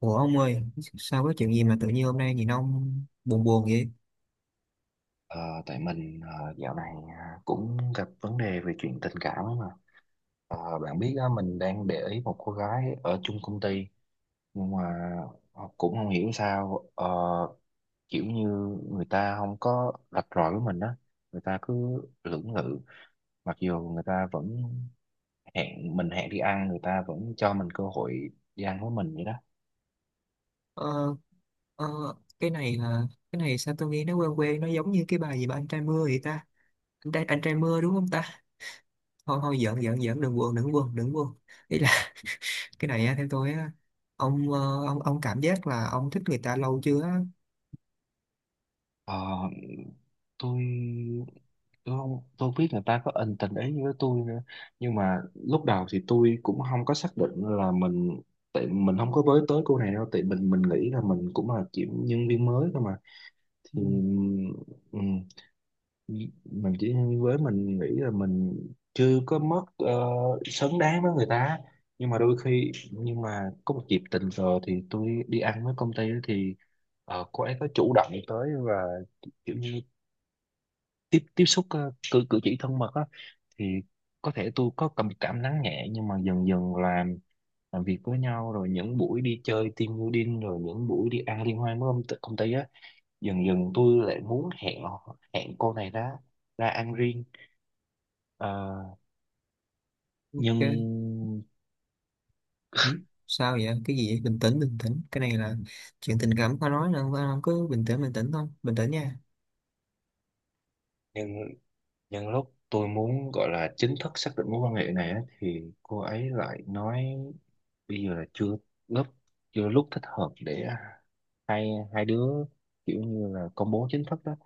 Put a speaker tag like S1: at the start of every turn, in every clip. S1: Ủa ông ơi, sao có chuyện gì mà tự nhiên hôm nay nhìn ông buồn buồn vậy?
S2: Ờ, Tại mình, dạo này, cũng gặp vấn đề về chuyện tình cảm ấy mà. Bạn biết á, mình đang để ý một cô gái ở chung công ty, nhưng mà cũng không hiểu sao, kiểu như người ta không có rạch ròi với mình á. Người ta cứ lưỡng lự, mặc dù người ta vẫn hẹn mình, hẹn đi ăn, người ta vẫn cho mình cơ hội đi ăn với mình vậy đó.
S1: Ờ, ờ, cái này là cái này sao tôi nghe nó quen quen, nó giống như cái bài gì mà anh trai mưa vậy ta? Anh trai, anh trai mưa đúng không ta? Thôi thôi, giỡn giỡn giỡn, đừng buồn đừng buồn đừng buồn. Ý là cái này á, theo tôi á, ông ông cảm giác là ông thích người ta lâu chưa á?
S2: Ờ, tôi tôi không biết người ta có ân tình ý với tôi nữa, nhưng mà lúc đầu thì tôi cũng không có xác định là mình, tại mình không có với tới cô này đâu, tại mình nghĩ là mình cũng là chỉ nhân viên mới thôi mà.
S1: Ừ,
S2: Thì ừm, mình chỉ nhân viên mới, mình nghĩ là mình chưa có mất xứng đáng với người ta. Nhưng mà đôi khi, nhưng mà có một dịp tình cờ thì tôi đi ăn với công ty ấy, thì cô ấy có chủ động tới và kiểu như tiếp tiếp xúc, cử cử chỉ thân mật á. Thì có thể tôi có cảm cảm nắng nhẹ, nhưng mà dần dần làm việc với nhau, rồi những buổi đi chơi team building, rồi những buổi đi ăn liên hoan với công ty á. Dần dần tôi lại muốn hẹn cô này, ra ra ăn riêng. Ờ, nhưng
S1: ok. Ừ, sao vậy? Cái gì vậy? Bình tĩnh bình tĩnh. Cái này là chuyện tình cảm khó nói nên ông cứ bình tĩnh thôi, bình tĩnh nha.
S2: nhưng nhưng lúc tôi muốn gọi là chính thức xác định mối quan hệ này á, thì cô ấy lại nói bây giờ là chưa, lúc lúc thích hợp để hai hai đứa kiểu như là công bố chính thức đó.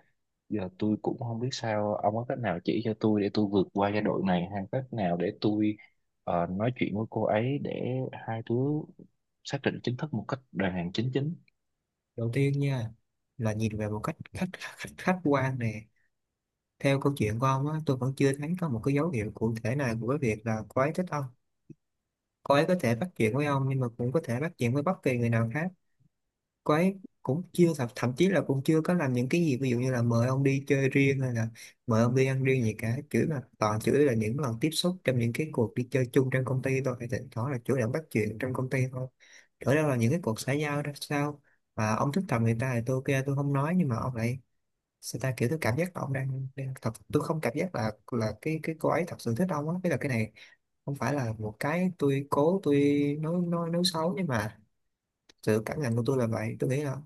S2: Giờ tôi cũng không biết sao, ông có cách nào chỉ cho tôi để tôi vượt qua giai đoạn này, hay cách nào để tôi nói chuyện với cô ấy để hai đứa xác định chính thức một cách đàng hoàng chính chính.
S1: Đầu tiên nha, là nhìn về một cách khách khách, khách quan nè. Theo câu chuyện của ông á, tôi vẫn chưa thấy có một cái dấu hiệu cụ thể nào của cái việc là cô ấy thích ông. Cô ấy có thể bắt chuyện với ông nhưng mà cũng có thể bắt chuyện với bất kỳ người nào khác. Cô ấy cũng chưa thậm chí là cũng chưa có làm những cái gì, ví dụ như là mời ông đi chơi riêng hay là mời ông đi ăn riêng gì cả, chửi mà toàn chửi là những lần tiếp xúc trong những cái cuộc đi chơi chung trong công ty thôi, thì thỉnh thoảng là chủ động bắt chuyện trong công ty thôi, ở đâu là những cái cuộc xã giao ra sao. Mà ông thích thầm người ta thì tôi ok, tôi không nói, nhưng mà ông lại sao ta, kiểu tôi cảm giác là ông đang thật, tôi không cảm giác là cái cô ấy thật sự thích ông á, tức là cái này không phải là một cái tôi cố, tôi nói nói xấu, nhưng mà sự cảm nhận của tôi là vậy. Tôi nghĩ là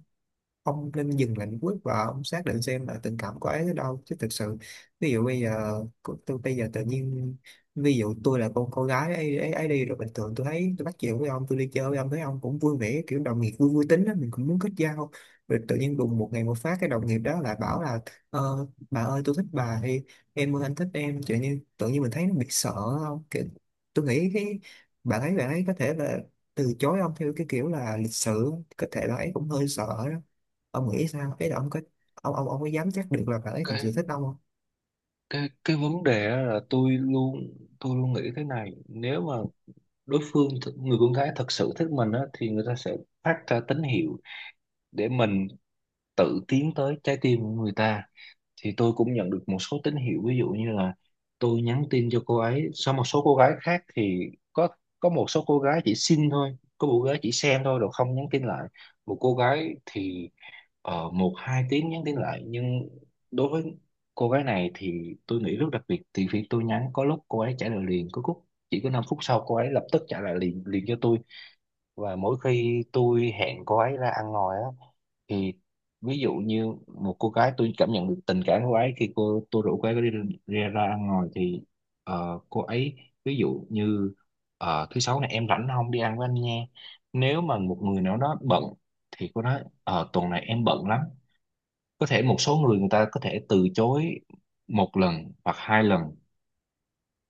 S1: ông nên dừng lại một lúc và ông xác định xem là tình cảm của ấy tới đâu, chứ thực sự ví dụ bây giờ tôi bây giờ tự nhiên ví dụ tôi là con cô gái ấy đi, rồi bình thường tôi thấy tôi bắt chuyện với ông, tôi đi chơi với ông, thấy ông cũng vui vẻ, kiểu đồng nghiệp vui vui tính đó, mình cũng muốn kết giao. Rồi tự nhiên đùng một ngày một phát cái đồng nghiệp đó lại bảo là "Ờ, bà ơi, tôi thích bà" thì "em ơi, anh thích em", tự nhiên mình thấy nó bị sợ, không kiểu, tôi nghĩ cái bà ấy có thể là từ chối ông theo cái kiểu là lịch sự, có thể là ấy cũng hơi sợ đó. Ông nghĩ sao ấy, là ông có, ông có dám chắc được là bà ấy thật
S2: cái
S1: sự thích ông không?
S2: cái cái vấn đề á là tôi luôn nghĩ thế này: nếu mà đối phương người con gái thật sự thích mình á, thì người ta sẽ phát ra tín hiệu để mình tự tiến tới trái tim của người ta. Thì tôi cũng nhận được một số tín hiệu, ví dụ như là tôi nhắn tin cho cô ấy sau. Một số cô gái khác thì có, một số cô gái chỉ xin thôi, có một cô gái chỉ xem thôi rồi không nhắn tin lại, một cô gái thì một hai tiếng nhắn tin lại. Nhưng đối với cô gái này thì tôi nghĩ rất đặc biệt, thì khi tôi nhắn có lúc cô ấy trả lời liền, có lúc chỉ có 5 phút sau cô ấy lập tức trả lời liền liền cho tôi. Và mỗi khi tôi hẹn cô ấy ra ăn ngoài á, thì ví dụ như một cô gái tôi cảm nhận được tình cảm của cô ấy khi tôi rủ cô ấy đi, ra ăn ngoài thì cô ấy ví dụ như: "Thứ sáu này em rảnh không, đi ăn với anh nha?" Nếu mà một người nào đó bận thì cô nói: "Ờ, tuần này em bận lắm." Có thể một số người người ta có thể từ chối một lần hoặc hai lần,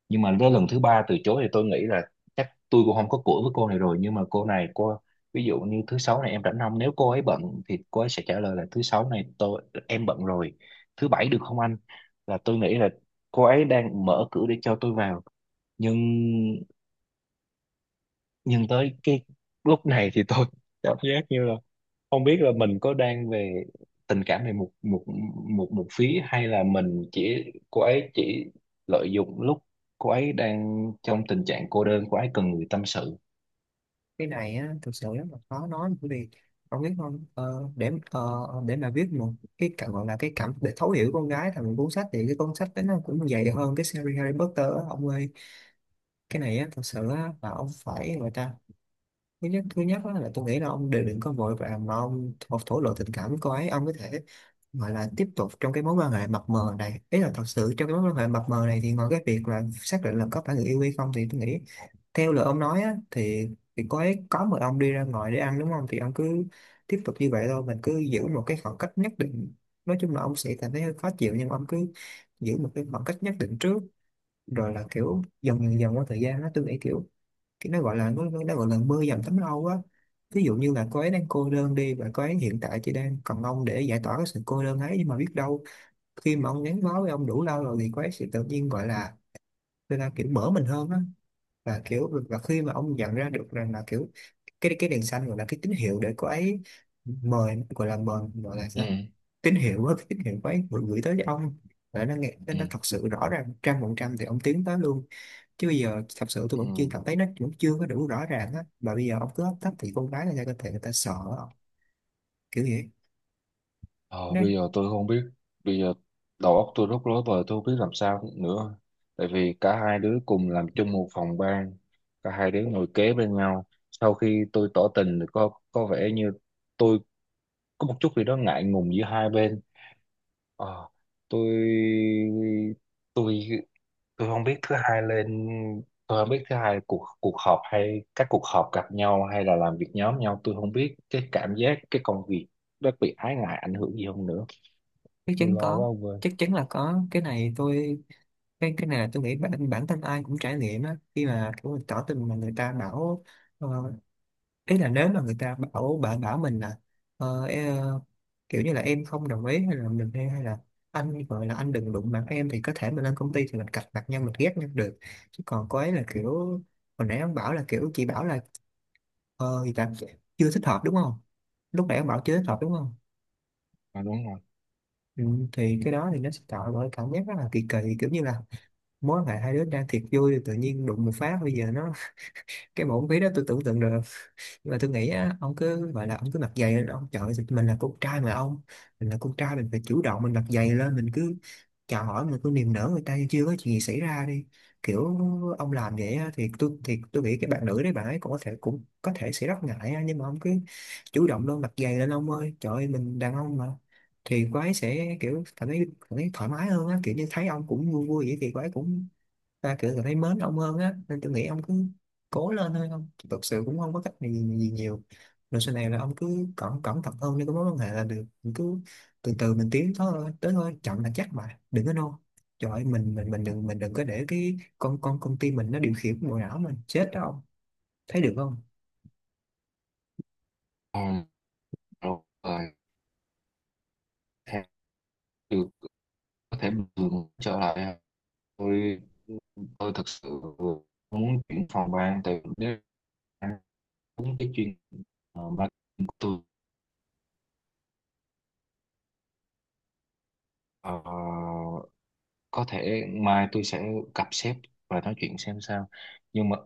S2: nhưng mà đến lần thứ ba từ chối thì tôi nghĩ là chắc tôi cũng không có cửa với cô này rồi. Nhưng mà cô này ví dụ như: "Thứ sáu này em rảnh không?" Nếu cô ấy bận thì cô ấy sẽ trả lời là: "Thứ sáu này em bận rồi, thứ bảy được không anh?" Là tôi nghĩ là cô ấy đang mở cửa để cho tôi vào. Nhưng nhưng tới cái lúc này thì tôi cảm giác như là không biết là mình có đang về tình cảm về một một một một phía, hay là mình chỉ cô ấy chỉ lợi dụng lúc cô ấy đang trong tình trạng cô đơn, cô ấy cần người tâm sự.
S1: Cái này á thực sự rất là khó nói, bởi vì ông biết không, để mà viết một cái cảm gọi là cái cảm để thấu hiểu con gái thành một cuốn sách thì cái cuốn sách đấy nó cũng dày hơn cái series Harry Potter á ông ơi. Cái này á thật sự á là ông phải người ta, thứ nhất á, là tôi nghĩ là ông đều đừng có vội vàng mà ông thổ thổ lộ tình cảm với cô ấy. Ông có thể gọi là tiếp tục trong cái mối quan hệ mập mờ này, ý là thật sự trong cái mối quan hệ mập mờ này thì ngoài cái việc là xác định là có phải người yêu hay không thì tôi nghĩ theo lời ông nói á, thì có ấy, có một ông đi ra ngoài để ăn đúng không, thì ông cứ tiếp tục như vậy thôi, mình cứ giữ một cái khoảng cách nhất định. Nói chung là ông sẽ cảm thấy hơi khó chịu nhưng ông cứ giữ một cái khoảng cách nhất định trước, rồi là kiểu dần dần dần qua thời gian đó, tôi nghĩ kiểu cái nó gọi là nó gọi là mưa dầm thấm lâu á. Ví dụ như là cô ấy đang cô đơn đi, và cô ấy hiện tại chỉ đang cần ông để giải tỏa cái sự cô đơn ấy, nhưng mà biết đâu khi mà ông gắn bó với ông đủ lâu rồi thì cô ấy sẽ tự nhiên gọi là người ta kiểu mở mình hơn á. Và kiểu và khi mà ông nhận ra được rằng là kiểu cái đèn xanh gọi là cái tín hiệu để cô ấy mời gọi là
S2: Ừ.
S1: sao, tín hiệu á, cái tín hiệu cô ấy gửi tới cho ông và nó nghe nó
S2: Ừ.
S1: nó thật sự rõ ràng trăm phần trăm thì ông tiến tới luôn. Chứ bây giờ thật sự tôi
S2: Ừ.
S1: vẫn chưa cảm thấy, nó vẫn chưa có đủ rõ ràng á, mà bây giờ ông cứ hấp tấp thì con gái người ta có thể người ta sợ, kiểu vậy.
S2: ờ,
S1: Nó
S2: Bây giờ tôi không biết, bây giờ đầu óc tôi rất rối bời, tôi không biết làm sao nữa. Tại vì cả hai đứa cùng làm chung một phòng ban, cả hai đứa ngồi kế bên nhau, sau khi tôi tỏ tình thì có vẻ như tôi có một chút gì đó ngại ngùng giữa hai bên. Ờ, tôi tôi tôi không biết thứ hai lên, tôi không biết thứ hai cuộc cuộc họp hay các cuộc họp gặp nhau hay là làm việc nhóm nhau, tôi không biết cái cảm giác cái công việc nó bị ái ngại ảnh hưởng gì không nữa.
S1: chắc
S2: Tôi
S1: chắn
S2: lo quá
S1: có,
S2: ông ơi.
S1: chắc chắn là có. Cái này tôi cái này là tôi nghĩ bản bản thân ai cũng trải nghiệm á, khi mà kiểu mình tỏ tình mà người ta bảo ờ, ý là nếu mà người ta bảo bạn bảo mình là ờ, e- kiểu như là em không đồng ý, hay là mình hay là anh gọi là anh đừng đụng mặt em, thì có thể mình lên công ty thì mình cạch mặt nhau, mình ghét nhau được. Chứ còn cô ấy là kiểu hồi nãy ông bảo là kiểu chị bảo là ờ thì là chưa thích hợp đúng không, lúc nãy ông bảo chưa thích hợp đúng không?
S2: À, đúng rồi.
S1: Ừ, thì cái đó thì nó sẽ tạo ra cảm giác rất là kỳ kỳ, kiểu như là mối quan hệ hai đứa đang thiệt vui thì tự nhiên đụng một phát bây giờ nó cái bộ ví đó tôi tưởng tượng được. Nhưng mà tôi nghĩ á, ông cứ gọi là ông cứ mặc giày lên ông, trời ơi, mình là con trai mà ông, mình là con trai mình phải chủ động, mình mặc giày lên, mình cứ chào hỏi, mình cứ niềm nở người ta như chưa có chuyện gì xảy ra đi, kiểu ông làm vậy á, thì tôi nghĩ cái bạn nữ đấy bạn ấy cũng có thể, cũng có thể sẽ rất ngại á, nhưng mà ông cứ chủ động luôn, mặc giày lên ông ơi, trời ơi mình đàn ông mà, thì cô ấy sẽ kiểu cảm thấy thoải mái hơn á, kiểu như thấy ông cũng vui vui vậy thì cô ấy cũng ta kiểu cảm thấy mến ông hơn á. Nên tôi nghĩ ông cứ cố lên thôi, không thực sự cũng không có cách gì nhiều. Rồi sau này là ông cứ cẩn cẩn thận hơn đi, có mối quan hệ là được, mình cứ từ từ mình tiến thôi tới thôi, chậm là chắc mà đừng có nôn. Trời ơi, mình đừng, mình đừng có để cái con công ty mình nó điều khiển bộ não mình chết đó ông. Thấy được không?
S2: À, rồi theo được, có thể bình thường trở lại à. tôi tôi thực sự muốn chuyển phòng ban, tại vì nếu đúng cái chuyên marketing của tôi, ờ, có thể mai tôi sẽ gặp sếp và nói chuyện xem sao. nhưng mà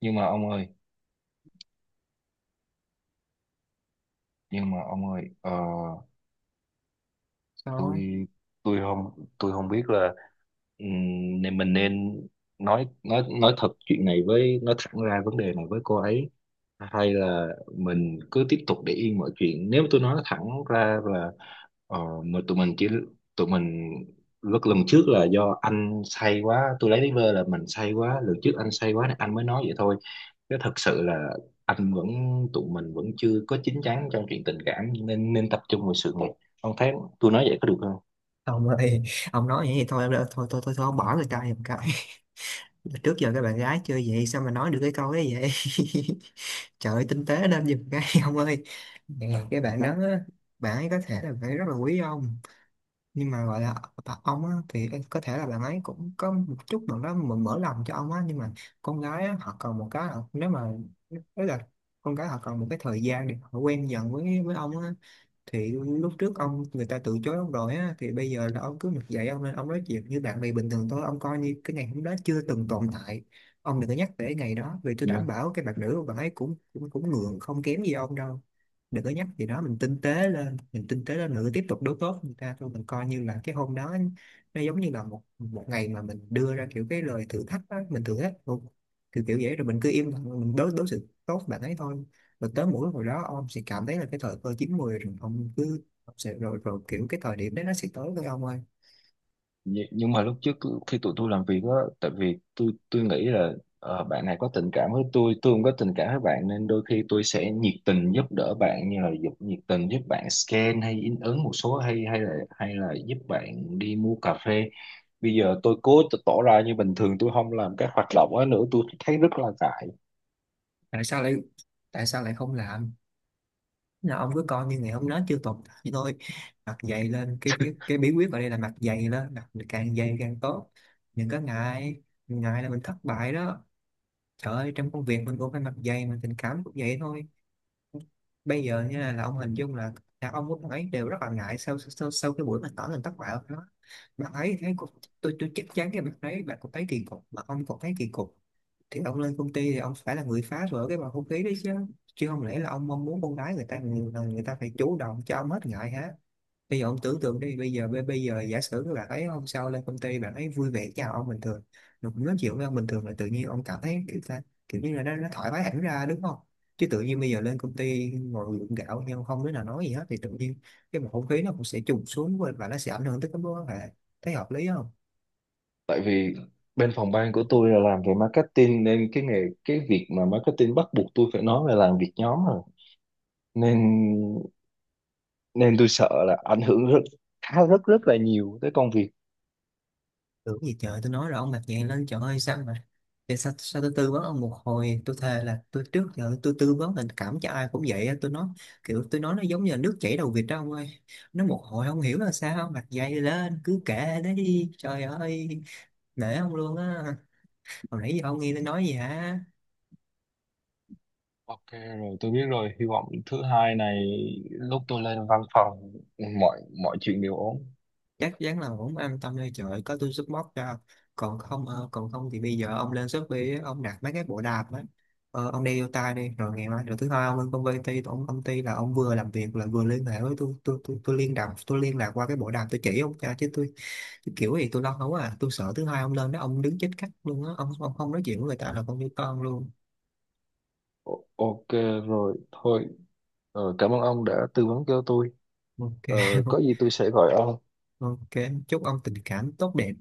S2: nhưng mà ông ơi, nhưng mà ông ơi,
S1: Sao
S2: tôi tôi không không biết là nên mình nên nói thật chuyện này với, nói thẳng ra vấn đề này với cô ấy, hay là mình cứ tiếp tục để yên mọi chuyện. Nếu tôi nói thẳng ra là ờ, mà tụi mình chỉ, tụi mình lúc lần trước là do anh say quá, tôi lấy lý vơ là mình say quá, lần trước anh say quá nên anh mới nói vậy thôi. Chứ thật sự là anh vẫn tụi mình vẫn chưa có chín chắn trong chuyện tình cảm, nên nên tập trung vào sự nghiệp. Ông thấy tôi nói vậy có được không?
S1: ông ơi, ông nói vậy thì thôi thôi thôi, thôi ông bỏ người ta giùm cái. Trước giờ các bạn gái chơi vậy sao mà nói được cái câu ấy vậy? Trời ơi, tinh tế nên giùm cái, ông ơi. Dạ, cái bạn đó đó á, bạn ấy có thể là phải rất là quý ông, nhưng mà gọi là ông á, thì có thể là bạn ấy cũng có một chút nào đó mở lòng cho ông á, nhưng mà con gái á, họ cần một cái nếu mà tức là con gái họ cần một cái thời gian để họ quen dần với ông á. Thì lúc trước ông người ta từ chối ông rồi á, thì bây giờ là ông cứ mặc dậy, ông nên ông nói chuyện như bạn bè bình thường thôi, ông coi như cái ngày hôm đó chưa từng tồn tại. Ông đừng có nhắc về cái ngày đó, vì tôi đảm
S2: Dạ.
S1: bảo cái bạn nữ của bạn ấy cũng cũng cũng ngượng không kém gì ông đâu. Đừng có nhắc gì đó, mình tinh tế lên, mình tinh tế lên nữa, tiếp tục đối tốt với người ta thôi, mình coi như là cái hôm đó nó giống như là một một ngày mà mình đưa ra kiểu cái lời thử thách á, mình thử thách kiểu kiểu vậy, rồi mình cứ im lặng, mình đối đối xử tốt với bạn ấy thôi. Và tới mũi hồi đó ông sẽ cảm thấy là cái thời cơ chín mùi rồi, ông cứ ông sẽ rồi rồi kiểu cái thời điểm đấy nó sẽ tới với ông ơi.
S2: Nhưng mà lúc trước khi tụi tôi làm việc á, tại vì tôi nghĩ là bạn này có tình cảm với tôi không có tình cảm với bạn, nên đôi khi tôi sẽ nhiệt tình giúp đỡ bạn, như là giúp nhiệt tình giúp bạn scan hay in ấn một số, hay hay là giúp bạn đi mua cà phê. Bây giờ tôi cố tỏ ra như bình thường, tôi không làm các hoạt động ấy nữa, tôi thấy rất là ngại.
S1: Tại sao lại, tại sao lại không làm? Là ông cứ coi như ngày hôm đó chưa tồn tại thôi, mặt dày lên cái, cái bí quyết ở đây là mặt dày lên, mặt càng dày càng tốt. Đừng có ngại, ngại là mình thất bại đó. Trời ơi, trong công việc mình cũng phải mặt dày mà tình cảm cũng vậy thôi. Bây giờ nha là ông hình dung là đàn ông của bạn ấy đều rất là ngại sau sau, sau cái buổi mà tỏ tình thất bại của nó, bạn ấy thấy tôi chắc chắn cái bạn ấy bạn cũng thấy kỳ cục, mà ông còn thấy kỳ cục thì ông lên công ty thì ông phải là người phá vỡ cái bầu không khí đấy chứ. Chứ không lẽ là ông mong muốn con gái người ta phải chủ động cho ông hết ngại hả? Bây giờ ông tưởng tượng đi, bây giờ bây bây giờ giả sử các bạn ấy hôm sau lên công ty bạn ấy vui vẻ chào ông bình thường, rồi cũng nói chuyện với ông bình thường, là tự nhiên ông cảm thấy kiểu ta kiểu như là nó thoải mái hẳn ra đúng không? Chứ tự nhiên bây giờ lên công ty ngồi gượng gạo nhưng không đứa nào nói gì hết thì tự nhiên cái bầu không khí nó cũng sẽ trùng xuống và nó sẽ ảnh hưởng tới cái mối quan hệ. Thấy hợp lý không?
S2: Tại vì bên phòng ban của tôi là làm về marketing, nên cái việc mà marketing bắt buộc tôi phải nói là làm việc nhóm rồi, nên nên tôi sợ là ảnh hưởng rất khá rất rất là nhiều tới công việc.
S1: Tưởng gì trời, tôi nói rồi ông mặt dạng lên, trời ơi sao mà để sao tôi tư vấn ông một hồi, tôi thề là tôi trước giờ tôi tư vấn tình cảm cho ai cũng vậy á. Tôi nói kiểu tôi nói nó giống như là nước chảy đầu vịt đó ông ơi, nó một hồi không hiểu là sao, mặt dày lên cứ kệ đấy, trời ơi, nể ông luôn á. Hồi nãy giờ ông nghe tôi nói gì hả?
S2: Ok, rồi tôi biết rồi. Hy vọng thứ hai này lúc tôi lên văn phòng, mọi mọi chuyện đều ổn.
S1: Chắc chắn là cũng an tâm đây, trời ơi, có tôi support cho. Còn không còn không thì bây giờ ông lên Shopee á, ông đặt mấy cái bộ đạp á, ờ, ông đeo vô tai đi, rồi ngày mai, rồi thứ hai ông lên công ty ông công ty là ông vừa làm việc là vừa liên hệ với tôi, tôi liên lạc, tôi liên lạc qua cái bộ đạp tôi chỉ ông cho, chứ tôi kiểu gì tôi lo không à, tôi sợ thứ hai ông lên đó ông đứng chết cắt luôn á, ông không nói chuyện với người ta là con như con luôn.
S2: Ok, rồi thôi. Cảm ơn ông đã tư vấn cho tôi.
S1: Ok.
S2: ờ, có gì tôi sẽ gọi ông.
S1: Ok, chúc ông tình cảm tốt đẹp.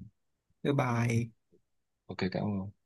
S1: Bye bye.
S2: Ok, cảm ơn.